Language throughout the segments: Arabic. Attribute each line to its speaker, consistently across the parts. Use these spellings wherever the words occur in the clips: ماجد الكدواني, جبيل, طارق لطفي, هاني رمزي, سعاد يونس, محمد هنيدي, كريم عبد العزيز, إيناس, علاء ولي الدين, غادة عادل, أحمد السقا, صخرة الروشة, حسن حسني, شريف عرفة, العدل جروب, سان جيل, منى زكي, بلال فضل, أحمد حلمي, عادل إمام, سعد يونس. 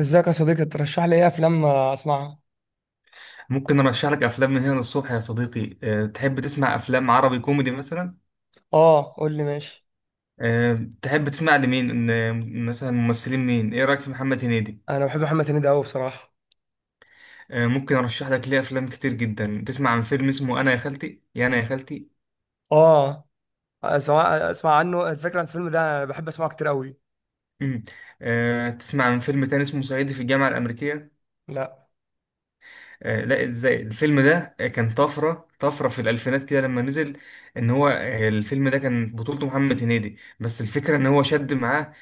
Speaker 1: ازيك يا صديقي؟ ترشح لي ايه افلام اسمعها؟
Speaker 2: ممكن ارشح لك افلام من هنا للصبح يا صديقي. أه تحب تسمع افلام عربي كوميدي مثلا؟
Speaker 1: اه، قول لي ماشي.
Speaker 2: أه تحب تسمع لمين مثلا ممثلين مين؟ ايه رايك في محمد هنيدي؟
Speaker 1: انا بحب محمد هنيدي قوي بصراحه.
Speaker 2: أه ممكن ارشح لك ليه افلام كتير جدا. تسمع عن فيلم اسمه انا يا خالتي، يا انا يا خالتي؟
Speaker 1: اه، اسمع اسمع عنه الفكره عن الفيلم ده، انا بحب اسمعه كتير قوي.
Speaker 2: مم. أه تسمع عن فيلم تاني اسمه صعيدي في الجامعه الامريكيه؟
Speaker 1: لا.
Speaker 2: لا، ازاي؟ الفيلم ده كان طفرة في الألفينات كده لما نزل. ان هو الفيلم ده كان بطولته محمد هنيدي، بس الفكرة ان هو شد معاه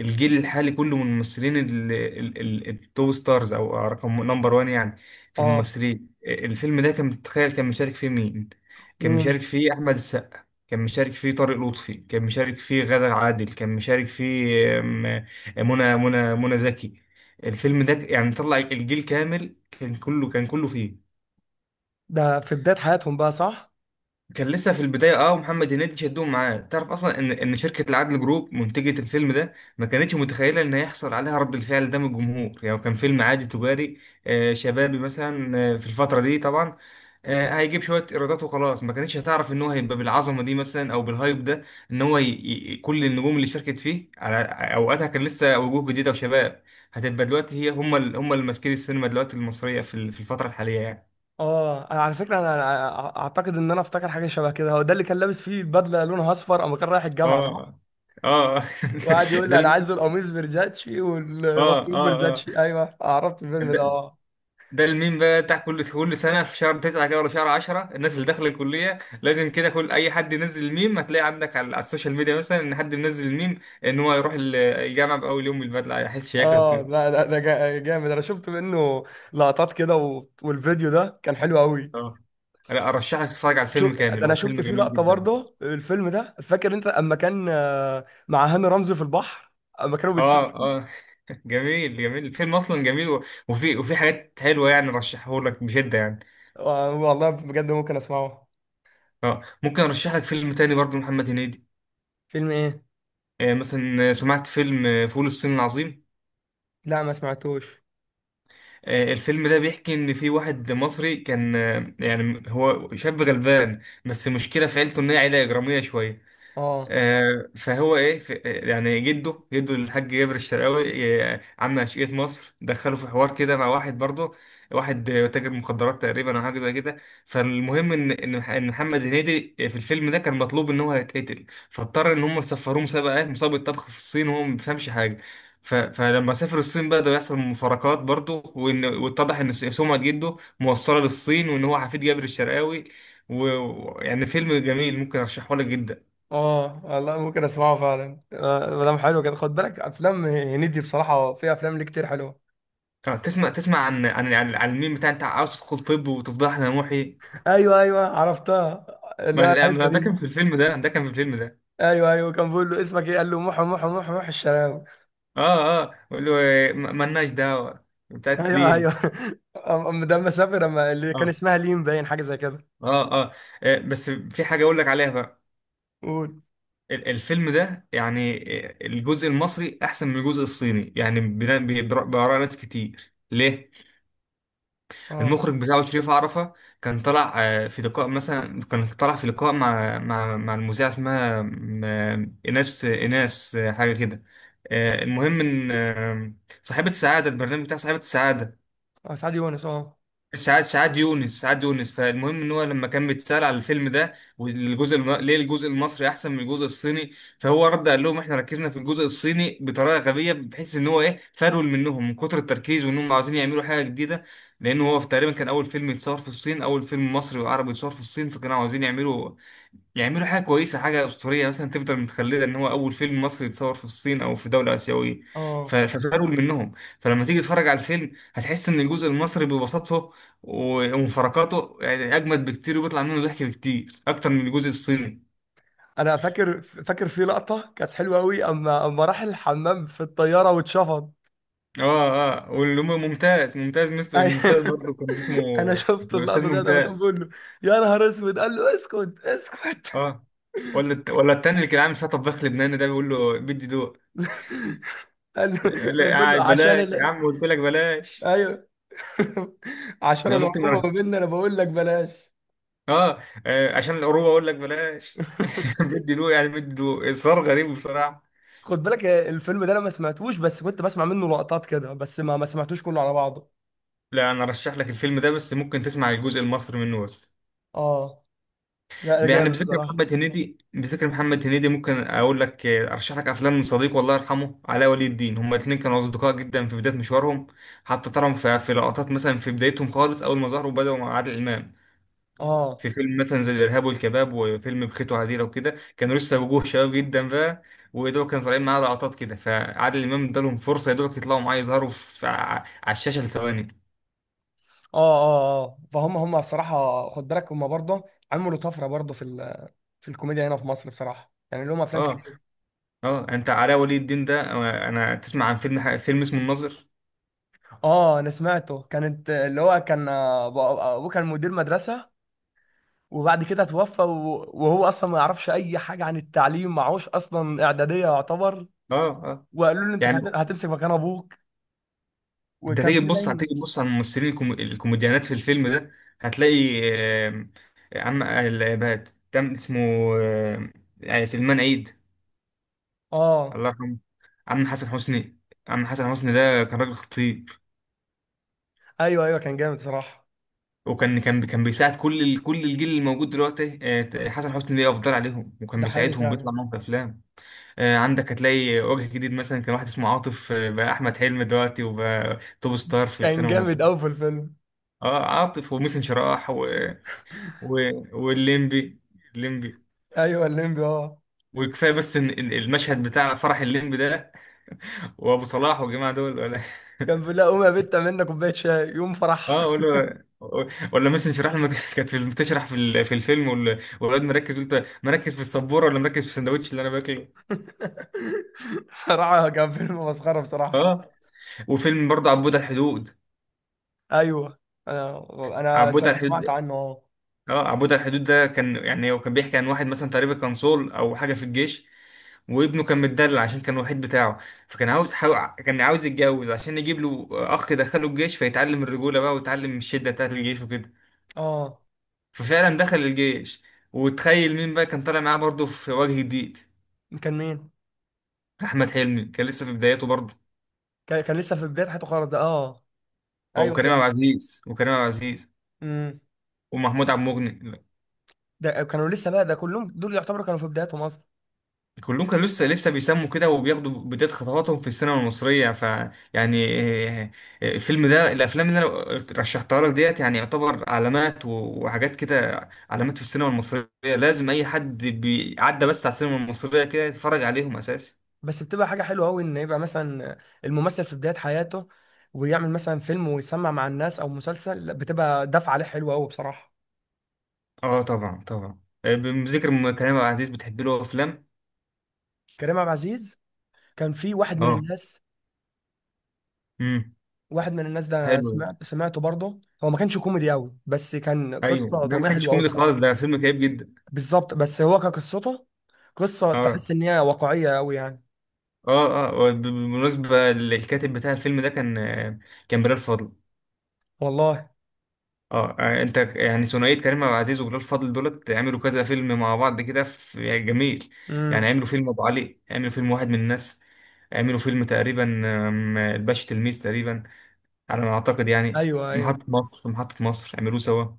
Speaker 2: الجيل الحالي كله من الممثلين التوب ستارز او رقم نمبر وان يعني في
Speaker 1: اه،
Speaker 2: الممثلين. الفيلم ده كان، تخيل، كان مشارك فيه مين؟ كان مشارك
Speaker 1: مين؟
Speaker 2: فيه أحمد السقا، كان مشارك فيه طارق لطفي، كان مشارك فيه غادة عادل، كان مشارك فيه آم، آه، منى زكي. الفيلم ده يعني طلع الجيل كامل، كان كله، كان كله فيه.
Speaker 1: ده في بدايه حياتهم بقى، صح؟
Speaker 2: كان لسه في البداية. اه، محمد هنيدي شدهم معاه. تعرف اصلا ان شركة العدل جروب منتجة الفيلم ده ما كانتش متخيلة ان هيحصل عليها رد الفعل ده من الجمهور، يعني هو كان فيلم عادي تجاري، شبابي مثلا، في الفترة دي طبعا، هيجيب شوية إيرادات وخلاص. ما كانتش هتعرف إن هو هيبقى بالعظمة دي مثلا أو بالهايب ده، إن هو كل النجوم اللي شاركت فيه على أوقاتها كان لسه وجوه جديدة وشباب. هتبقى دلوقتي هي هم هم اللي ماسكين السينما دلوقتي المصرية في في الفترة الحالية يعني.
Speaker 1: اه، انا على فكره، انا اعتقد ان انا افتكر حاجه شبه كده، هو ده اللي كان لابس فيه البدله لونها اصفر اما كان رايح الجامعه، صح؟
Speaker 2: آه، آه.
Speaker 1: وقعد يقول
Speaker 2: ده
Speaker 1: لي، انا
Speaker 2: ال-
Speaker 1: عايز القميص فيرزاتشي
Speaker 2: آه،
Speaker 1: والبنطلون
Speaker 2: آه،
Speaker 1: فيرزاتشي. ايوه، عرفت الفيلم ده،
Speaker 2: آه.
Speaker 1: اه.
Speaker 2: ده الميم بقى بتاع كل سنة في شهر تسعة كده ولا شهر عشرة، الناس اللي داخلة الكلية. لازم كده كل أي حد ينزل الميم، هتلاقي عندك على، على السوشيال ميديا مثلا إن حد منزل الميم إن هو يروح الجامعة بأول يوم بالبدلة، هيحس شياكة
Speaker 1: اه،
Speaker 2: وكده.
Speaker 1: لا، ده جامد، انا شفت منه لقطات كده، والفيديو ده كان حلو قوي.
Speaker 2: اه، لا، أرشح لك تتفرج على
Speaker 1: شو
Speaker 2: الفيلم
Speaker 1: ده!
Speaker 2: كامل،
Speaker 1: انا
Speaker 2: هو
Speaker 1: شفت
Speaker 2: فيلم
Speaker 1: فيه
Speaker 2: جميل
Speaker 1: لقطه
Speaker 2: جدا.
Speaker 1: برضه الفيلم ده، فاكر انت اما كان مع هاني رمزي في البحر، اما كانوا بيتسابوا.
Speaker 2: اه، اه. جميل، جميل الفيلم أصلا جميل، وفي حاجات حلوة يعني. رشحه لك بشدة يعني.
Speaker 1: والله بجد ممكن اسمعه.
Speaker 2: اه، ممكن أرشح لك فيلم تاني برضه محمد هنيدي.
Speaker 1: فيلم ايه؟
Speaker 2: آه، مثلا، سمعت فيلم فول الصين العظيم؟
Speaker 1: لا، ما سمعتوش.
Speaker 2: آه، الفيلم ده بيحكي ان في واحد مصري كان يعني هو شاب غلبان، بس المشكله في عيلته ان هي عيله اجراميه شويه.
Speaker 1: اه،
Speaker 2: آه، فهو ايه، يعني جده الحاج جابر الشرقاوي، آه، عم أشقية مصر، دخله في حوار كده مع واحد برضه، واحد تاجر مخدرات تقريبا او حاجه زي كده. فالمهم ان ان إن محمد هنيدي في الفيلم ده كان مطلوب ان هو هيتقتل، فاضطر ان هم يسفروه مسابقه مسابقه طبخ في الصين، وهو ما بيفهمش حاجه. فلما سافر الصين بقى، ده بيحصل مفارقات برضه، وان واتضح ان سمعه جده موصله للصين وان هو حفيد جابر الشرقاوي. ويعني فيلم جميل، ممكن ارشحه لك جدا.
Speaker 1: اه، والله ممكن اسمعه فعلا. ما دام حلو كده، خد بالك افلام هنيدي بصراحه، في افلام ليه كتير حلوه.
Speaker 2: اه، تسمع عن الميم بتاع انت عاوز تدخل طب وتفضح لنا محي؟
Speaker 1: ايوه ايوه، عرفتها، اللي
Speaker 2: ما
Speaker 1: هو
Speaker 2: لا،
Speaker 1: الحته
Speaker 2: ما
Speaker 1: دي.
Speaker 2: ده كان في الفيلم ده.
Speaker 1: ايوه ايوه، كان بيقول له، اسمك ايه؟ قال له، محو محو محو محو الشراوي.
Speaker 2: اه، اه، بقول له إيه، ما، مالناش دعوه بتاعت
Speaker 1: ايوه ايوه.
Speaker 2: لين.
Speaker 1: ده اما سافر، اما اللي كان
Speaker 2: اه،
Speaker 1: اسمها ليم، باين حاجه زي كده.
Speaker 2: اه، اه. آه، بس في حاجه اقول لك عليها بقى.
Speaker 1: قول.
Speaker 2: الفيلم ده يعني، آه، الجزء المصري احسن من الجزء الصيني يعني، بآراء ناس كتير. ليه؟
Speaker 1: اه.
Speaker 2: المخرج بتاعه شريف عرفة. كان طلع في لقاء، مثلا كان طلع في لقاء مع المذيعة، اسمها إيناس، حاجة كده. آه، المهم إن، آه، صاحبة السعادة، البرنامج بتاع صاحبة السعادة.
Speaker 1: اه، سعد يونس، اه.
Speaker 2: سعاد يونس سعاد يونس. فالمهم ان هو لما كان بيتسال على الفيلم ده، والجزء ليه الجزء المصري احسن من الجزء الصيني؟ فهو رد قال لهم احنا ركزنا في الجزء الصيني بطريقه غبيه، بحيث ان هو ايه، فرول منهم من كتر التركيز وانهم عاوزين يعملوا حاجه جديده. لان هو في تقريبا كان اول فيلم يتصور في الصين، اول فيلم مصري وعربي يتصور في الصين، فكانوا عاوزين يعملوا حاجة كويسة، حاجة أسطورية مثلا تفضل متخلدة إن هو أول فيلم مصري يتصور في الصين أو في دولة آسيوية.
Speaker 1: اه،
Speaker 2: ففرول منهم. فلما تيجي تتفرج على الفيلم هتحس إن الجزء المصري ببساطته ومفارقاته يعني أجمد بكتير، وبيطلع منه ضحك بكتير أكتر من الجزء الصيني.
Speaker 1: انا فاكر فاكر في لقطه كانت حلوه قوي، اما راح الحمام في الطياره واتشفط.
Speaker 2: آه، آه، واللي هو ممتاز،
Speaker 1: أيوة.
Speaker 2: ممتاز برضه كان اسمه
Speaker 1: انا شفت
Speaker 2: الأستاذ
Speaker 1: اللقطه ديت اما كان
Speaker 2: ممتاز.
Speaker 1: بيقول له، يا نهار اسود! قال له، اسكت اسكت.
Speaker 2: آه، ولا ولا التاني اللي كان عامل فيها طباخ لبناني، ده بيقول له بدي دوق.
Speaker 1: قال له، كان بيقول
Speaker 2: لا، آه،
Speaker 1: له عشان
Speaker 2: بلاش يا عم، قلت لك بلاش.
Speaker 1: ايوه، عشان
Speaker 2: انا ممكن،
Speaker 1: العقوبه ما بيننا، انا بقول لك بلاش.
Speaker 2: اه، آه، عشان القروبه اقول لك بلاش. بدي له يعني، بدي له اصرار غريب بصراحه.
Speaker 1: خد بالك، الفيلم ده انا ما سمعتوش، بس كنت بسمع منه لقطات كده، بس ما سمعتوش كله على بعضه.
Speaker 2: لا، انا ارشح لك الفيلم ده، بس ممكن تسمع الجزء المصري منه بس.
Speaker 1: اه. لا لا،
Speaker 2: يعني
Speaker 1: جامد
Speaker 2: بذكر
Speaker 1: بصراحه.
Speaker 2: محمد هنيدي، ممكن اقول لك، آه، ارشح لك افلام من صديق والله يرحمه، علاء ولي الدين. هما الاثنين كانوا اصدقاء جدا في بدايه مشوارهم، حتى ترهم في لقطات مثلا في بدايتهم خالص، اول ما ظهروا بدأوا مع عادل امام
Speaker 1: اه
Speaker 2: في فيلم مثلا زي الإرهاب والكباب، وفيلم بخيت وعديلة وكده. كانوا لسه وجوه شباب جدا بقى، ودول كانوا طالعين معاه لقطات كده. فعادل إمام ادالهم فرصة يا دوبك يطلعوا معاه، يظهروا على الشاشة لثواني.
Speaker 1: اه اه اه، فهم هم بصراحه، خد بالك، هم برضه عملوا طفره برضه في في الكوميديا هنا في مصر بصراحه، يعني لهم افلام
Speaker 2: اه،
Speaker 1: كتير.
Speaker 2: اه. انت علاء ولي الدين ده، آه، انا تسمع عن فيلم، فيلم اسمه الناظر؟
Speaker 1: اه، انا سمعته، كانت اللي هو كان، ابوه كان مدير مدرسه، وبعد كده توفى، وهو اصلا ما يعرفش اي حاجه عن التعليم، معهوش اصلا اعداديه يعتبر.
Speaker 2: اه، اه،
Speaker 1: وقالوا له، انت
Speaker 2: يعني
Speaker 1: هتمسك مكان ابوك.
Speaker 2: انت
Speaker 1: وكان
Speaker 2: تيجي
Speaker 1: في
Speaker 2: تبص،
Speaker 1: باين.
Speaker 2: هتيجي تبص على الممثلين الكوميديانات في الفيلم ده، هتلاقي آم، عم، آه، تم اسمه، آم، يعني سلمان عيد،
Speaker 1: اه.
Speaker 2: الله يرحمه. عم حسن حسني. ده كان راجل خطير،
Speaker 1: ايوه ايوه، كان جامد صراحه.
Speaker 2: وكان كان كان بيساعد كل كل الجيل اللي موجود دلوقتي. آه، حسن حسني ليه افضل عليهم، وكان
Speaker 1: ده حقيقي
Speaker 2: بيساعدهم،
Speaker 1: فعلا.
Speaker 2: بيطلع معاهم في افلام. آه، عندك هتلاقي وجه جديد مثلا، كان واحد اسمه عاطف، آه، بقى احمد حلمي دلوقتي، وبقى توب ستار في
Speaker 1: كان
Speaker 2: السينما
Speaker 1: جامد قوي
Speaker 2: المصريه.
Speaker 1: في الفيلم.
Speaker 2: اه، عاطف، وميسن شراح، و... والليمبي. الليمبي
Speaker 1: ايوه، الليمبي، اه.
Speaker 2: وكفايه بس إن المشهد بتاع فرح الليمبي ده وابو صلاح والجماعه دول ولا
Speaker 1: كان بيقول لها، قوم يا بت اعمل لنا كوبايه شاي يوم فرح.
Speaker 2: اه ولا، ولا مثلا شرح لما كانت بتشرح في في الفيلم، والولاد، مركز؟ قلت مركز في السبوره ولا مركز في السندوتش اللي انا باكله؟
Speaker 1: صراحه كان فيلم مسخره بصراحه.
Speaker 2: اه. وفيلم برضه عبود على الحدود.
Speaker 1: ايوه، انا انا
Speaker 2: عبود
Speaker 1: سم-
Speaker 2: على
Speaker 1: سمعت
Speaker 2: الحدود
Speaker 1: عنه، اه.
Speaker 2: اه، عبود على الحدود ده كان يعني، هو كان بيحكي عن واحد مثلا تقريبا كان صول او حاجه في الجيش، وابنه كان متدلل عشان كان الوحيد بتاعه. فكان عاوز كان عاوز يتجوز عشان يجيب له اخ يدخله الجيش، فيتعلم الرجوله بقى ويتعلم الشده بتاعت الجيش وكده.
Speaker 1: اه،
Speaker 2: ففعلا دخل الجيش، وتخيل مين بقى كان طالع معاه برضه في وجه جديد؟
Speaker 1: كان مين؟
Speaker 2: احمد حلمي، كان لسه في بداياته برضه.
Speaker 1: كان لسه في بدايه حياته خالص ده، اه. ايوه
Speaker 2: وكريم عبد
Speaker 1: ايوه.
Speaker 2: العزيز،
Speaker 1: امم.
Speaker 2: ومحمود عبد المغني.
Speaker 1: ده كانوا لسه بقى، ده كلهم دول يعتبروا كانوا في بداياتهم اصلا.
Speaker 2: كلهم كانوا لسه بيسموا كده، وبياخدوا بداية خطواتهم في السينما المصرية. ف يعني، آه، آه، الفيلم ده، الافلام اللي انا رشحتها لك ديت يعني يعتبر علامات، وحاجات كده، علامات في السينما المصرية. لازم اي حد بيعدى بس على السينما المصرية كده يتفرج عليهم اساسا.
Speaker 1: بس بتبقى حاجة حلوة أوي إن يبقى مثلا الممثل في بداية حياته ويعمل مثلا فيلم ويسمع مع الناس أو مسلسل، لا، بتبقى دفعة عليه حلوة أوي بصراحة.
Speaker 2: اه، طبعا، طبعا. آه، بذكر كريم عبد العزيز، بتحب له افلام؟
Speaker 1: كريم عبد العزيز، كان في واحد من
Speaker 2: اه.
Speaker 1: الناس.
Speaker 2: امم.
Speaker 1: واحد من الناس ده
Speaker 2: حلو.
Speaker 1: سمعت سمعته برضه، هو ما كانش كوميدي أوي، بس كان
Speaker 2: ايوه،
Speaker 1: قصة
Speaker 2: ده ما
Speaker 1: درامية
Speaker 2: كانش
Speaker 1: حلوة أوي
Speaker 2: كوميدي خالص،
Speaker 1: بصراحة.
Speaker 2: ده فيلم كئيب جدا.
Speaker 1: بالظبط، بس هو كقصته، قصة
Speaker 2: اه،
Speaker 1: تحس إن هي واقعية أوي يعني.
Speaker 2: اه، اه. بالمناسبة الكاتب بتاع الفيلم ده كان بلال فضل.
Speaker 1: والله.
Speaker 2: اه، آه، انت يعني ثنائية كريم عبد العزيز وبلال فضل دولت عملوا كذا فيلم مع بعض كده، في يعني جميل يعني.
Speaker 1: امم.
Speaker 2: عملوا فيلم ابو علي، عملوا فيلم واحد من الناس، عملوا فيلم تقريبا آم، الباشا تلميذ تقريبا، على ما اعتقد يعني.
Speaker 1: أيوه
Speaker 2: محطة
Speaker 1: أيوه،
Speaker 2: مصر، محطة مصر عملوه سوا.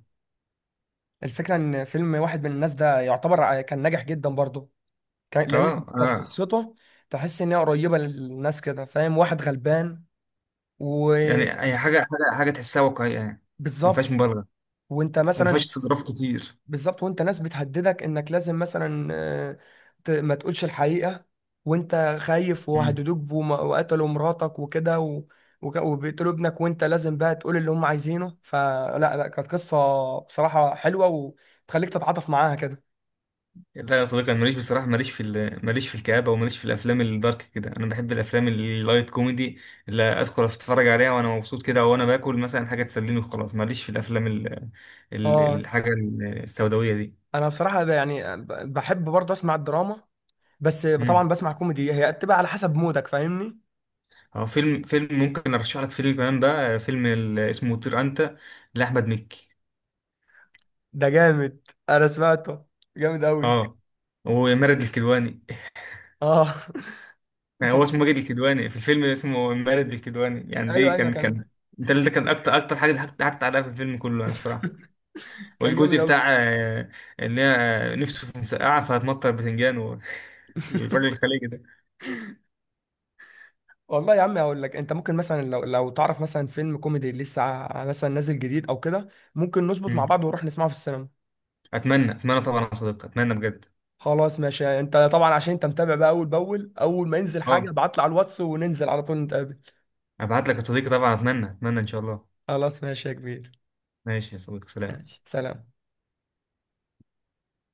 Speaker 1: الفكرة إن فيلم واحد من الناس ده يعتبر كان ناجح جدا برضه،
Speaker 2: اه،
Speaker 1: لان كانت
Speaker 2: اه،
Speaker 1: قصته تحس ان هي قريبه للناس كده، فاهم، واحد غلبان.
Speaker 2: يعني
Speaker 1: وبالظبط.
Speaker 2: هي حاجة، تحسها واقعية يعني، ما فيهاش مبالغة،
Speaker 1: وانت
Speaker 2: وما فيهاش
Speaker 1: مثلا،
Speaker 2: استظراف كتير.
Speaker 1: بالظبط، وانت ناس بتهددك انك لازم مثلا، ما تقولش الحقيقه، وانت خايف، وهددوك وقتلوا مراتك وكده، وبيقتلوا ابنك، وانت لازم بقى تقول اللي هم عايزينه، فلا لا كانت قصه بصراحه حلوه، وتخليك تتعاطف معاها كده.
Speaker 2: لا يا صديقي، انا ماليش بصراحه، ماليش في ماليش في الكآبه، وماليش في الافلام الدارك كده. انا بحب الافلام اللايت كوميدي، اللي ادخل اتفرج عليها وانا مبسوط كده، وانا باكل مثلا حاجه تسليني وخلاص. ماليش في الافلام
Speaker 1: اه،
Speaker 2: الحاجه السوداويه دي.
Speaker 1: انا بصراحه، يعني بحب برضه اسمع الدراما، بس طبعا
Speaker 2: امم.
Speaker 1: بسمع كوميدي، هي بتبقى على حسب مودك، فاهمني؟
Speaker 2: هو فيلم ممكن ارشح لك فيلم كمان بقى، فيلم اسمه طير انت لاحمد مكي.
Speaker 1: ده جامد، انا سمعته، جامد قوي،
Speaker 2: اه، ومارد الكدواني
Speaker 1: اه.
Speaker 2: يعني هو اسمه
Speaker 1: بصراحه،
Speaker 2: ماجد الكدواني، في الفيلم اسمه مارد الكدواني يعني، دي
Speaker 1: ايوه ايوه،
Speaker 2: كان
Speaker 1: كان،
Speaker 2: ده اللي كان اكتر حاجه ضحكت، عليها في الفيلم كله يعني بصراحه.
Speaker 1: كان
Speaker 2: والجزء
Speaker 1: جامد
Speaker 2: بتاع
Speaker 1: قوي.
Speaker 2: ان هي نفسه في مسقعه فهتمطر بتنجان، والراجل الخليجي ده.
Speaker 1: والله يا عم هقول لك، انت ممكن مثلا لو تعرف مثلا فيلم كوميدي لسه، مثلا نازل جديد او كده، ممكن نظبط مع
Speaker 2: مم.
Speaker 1: بعض ونروح نسمعه في السينما.
Speaker 2: اتمنى، طبعا يا صديقي، اتمنى بجد.
Speaker 1: خلاص ماشي، انت طبعا عشان انت متابع بقى، اول باول، اول ما ينزل حاجه
Speaker 2: اه،
Speaker 1: ابعت لي على الواتس وننزل على طول نتقابل.
Speaker 2: ابعت لك يا صديقي طبعا، اتمنى، ان شاء الله.
Speaker 1: خلاص ماشي يا كبير.
Speaker 2: ماشي يا صديقي، سلام.
Speaker 1: ماشي، سلام.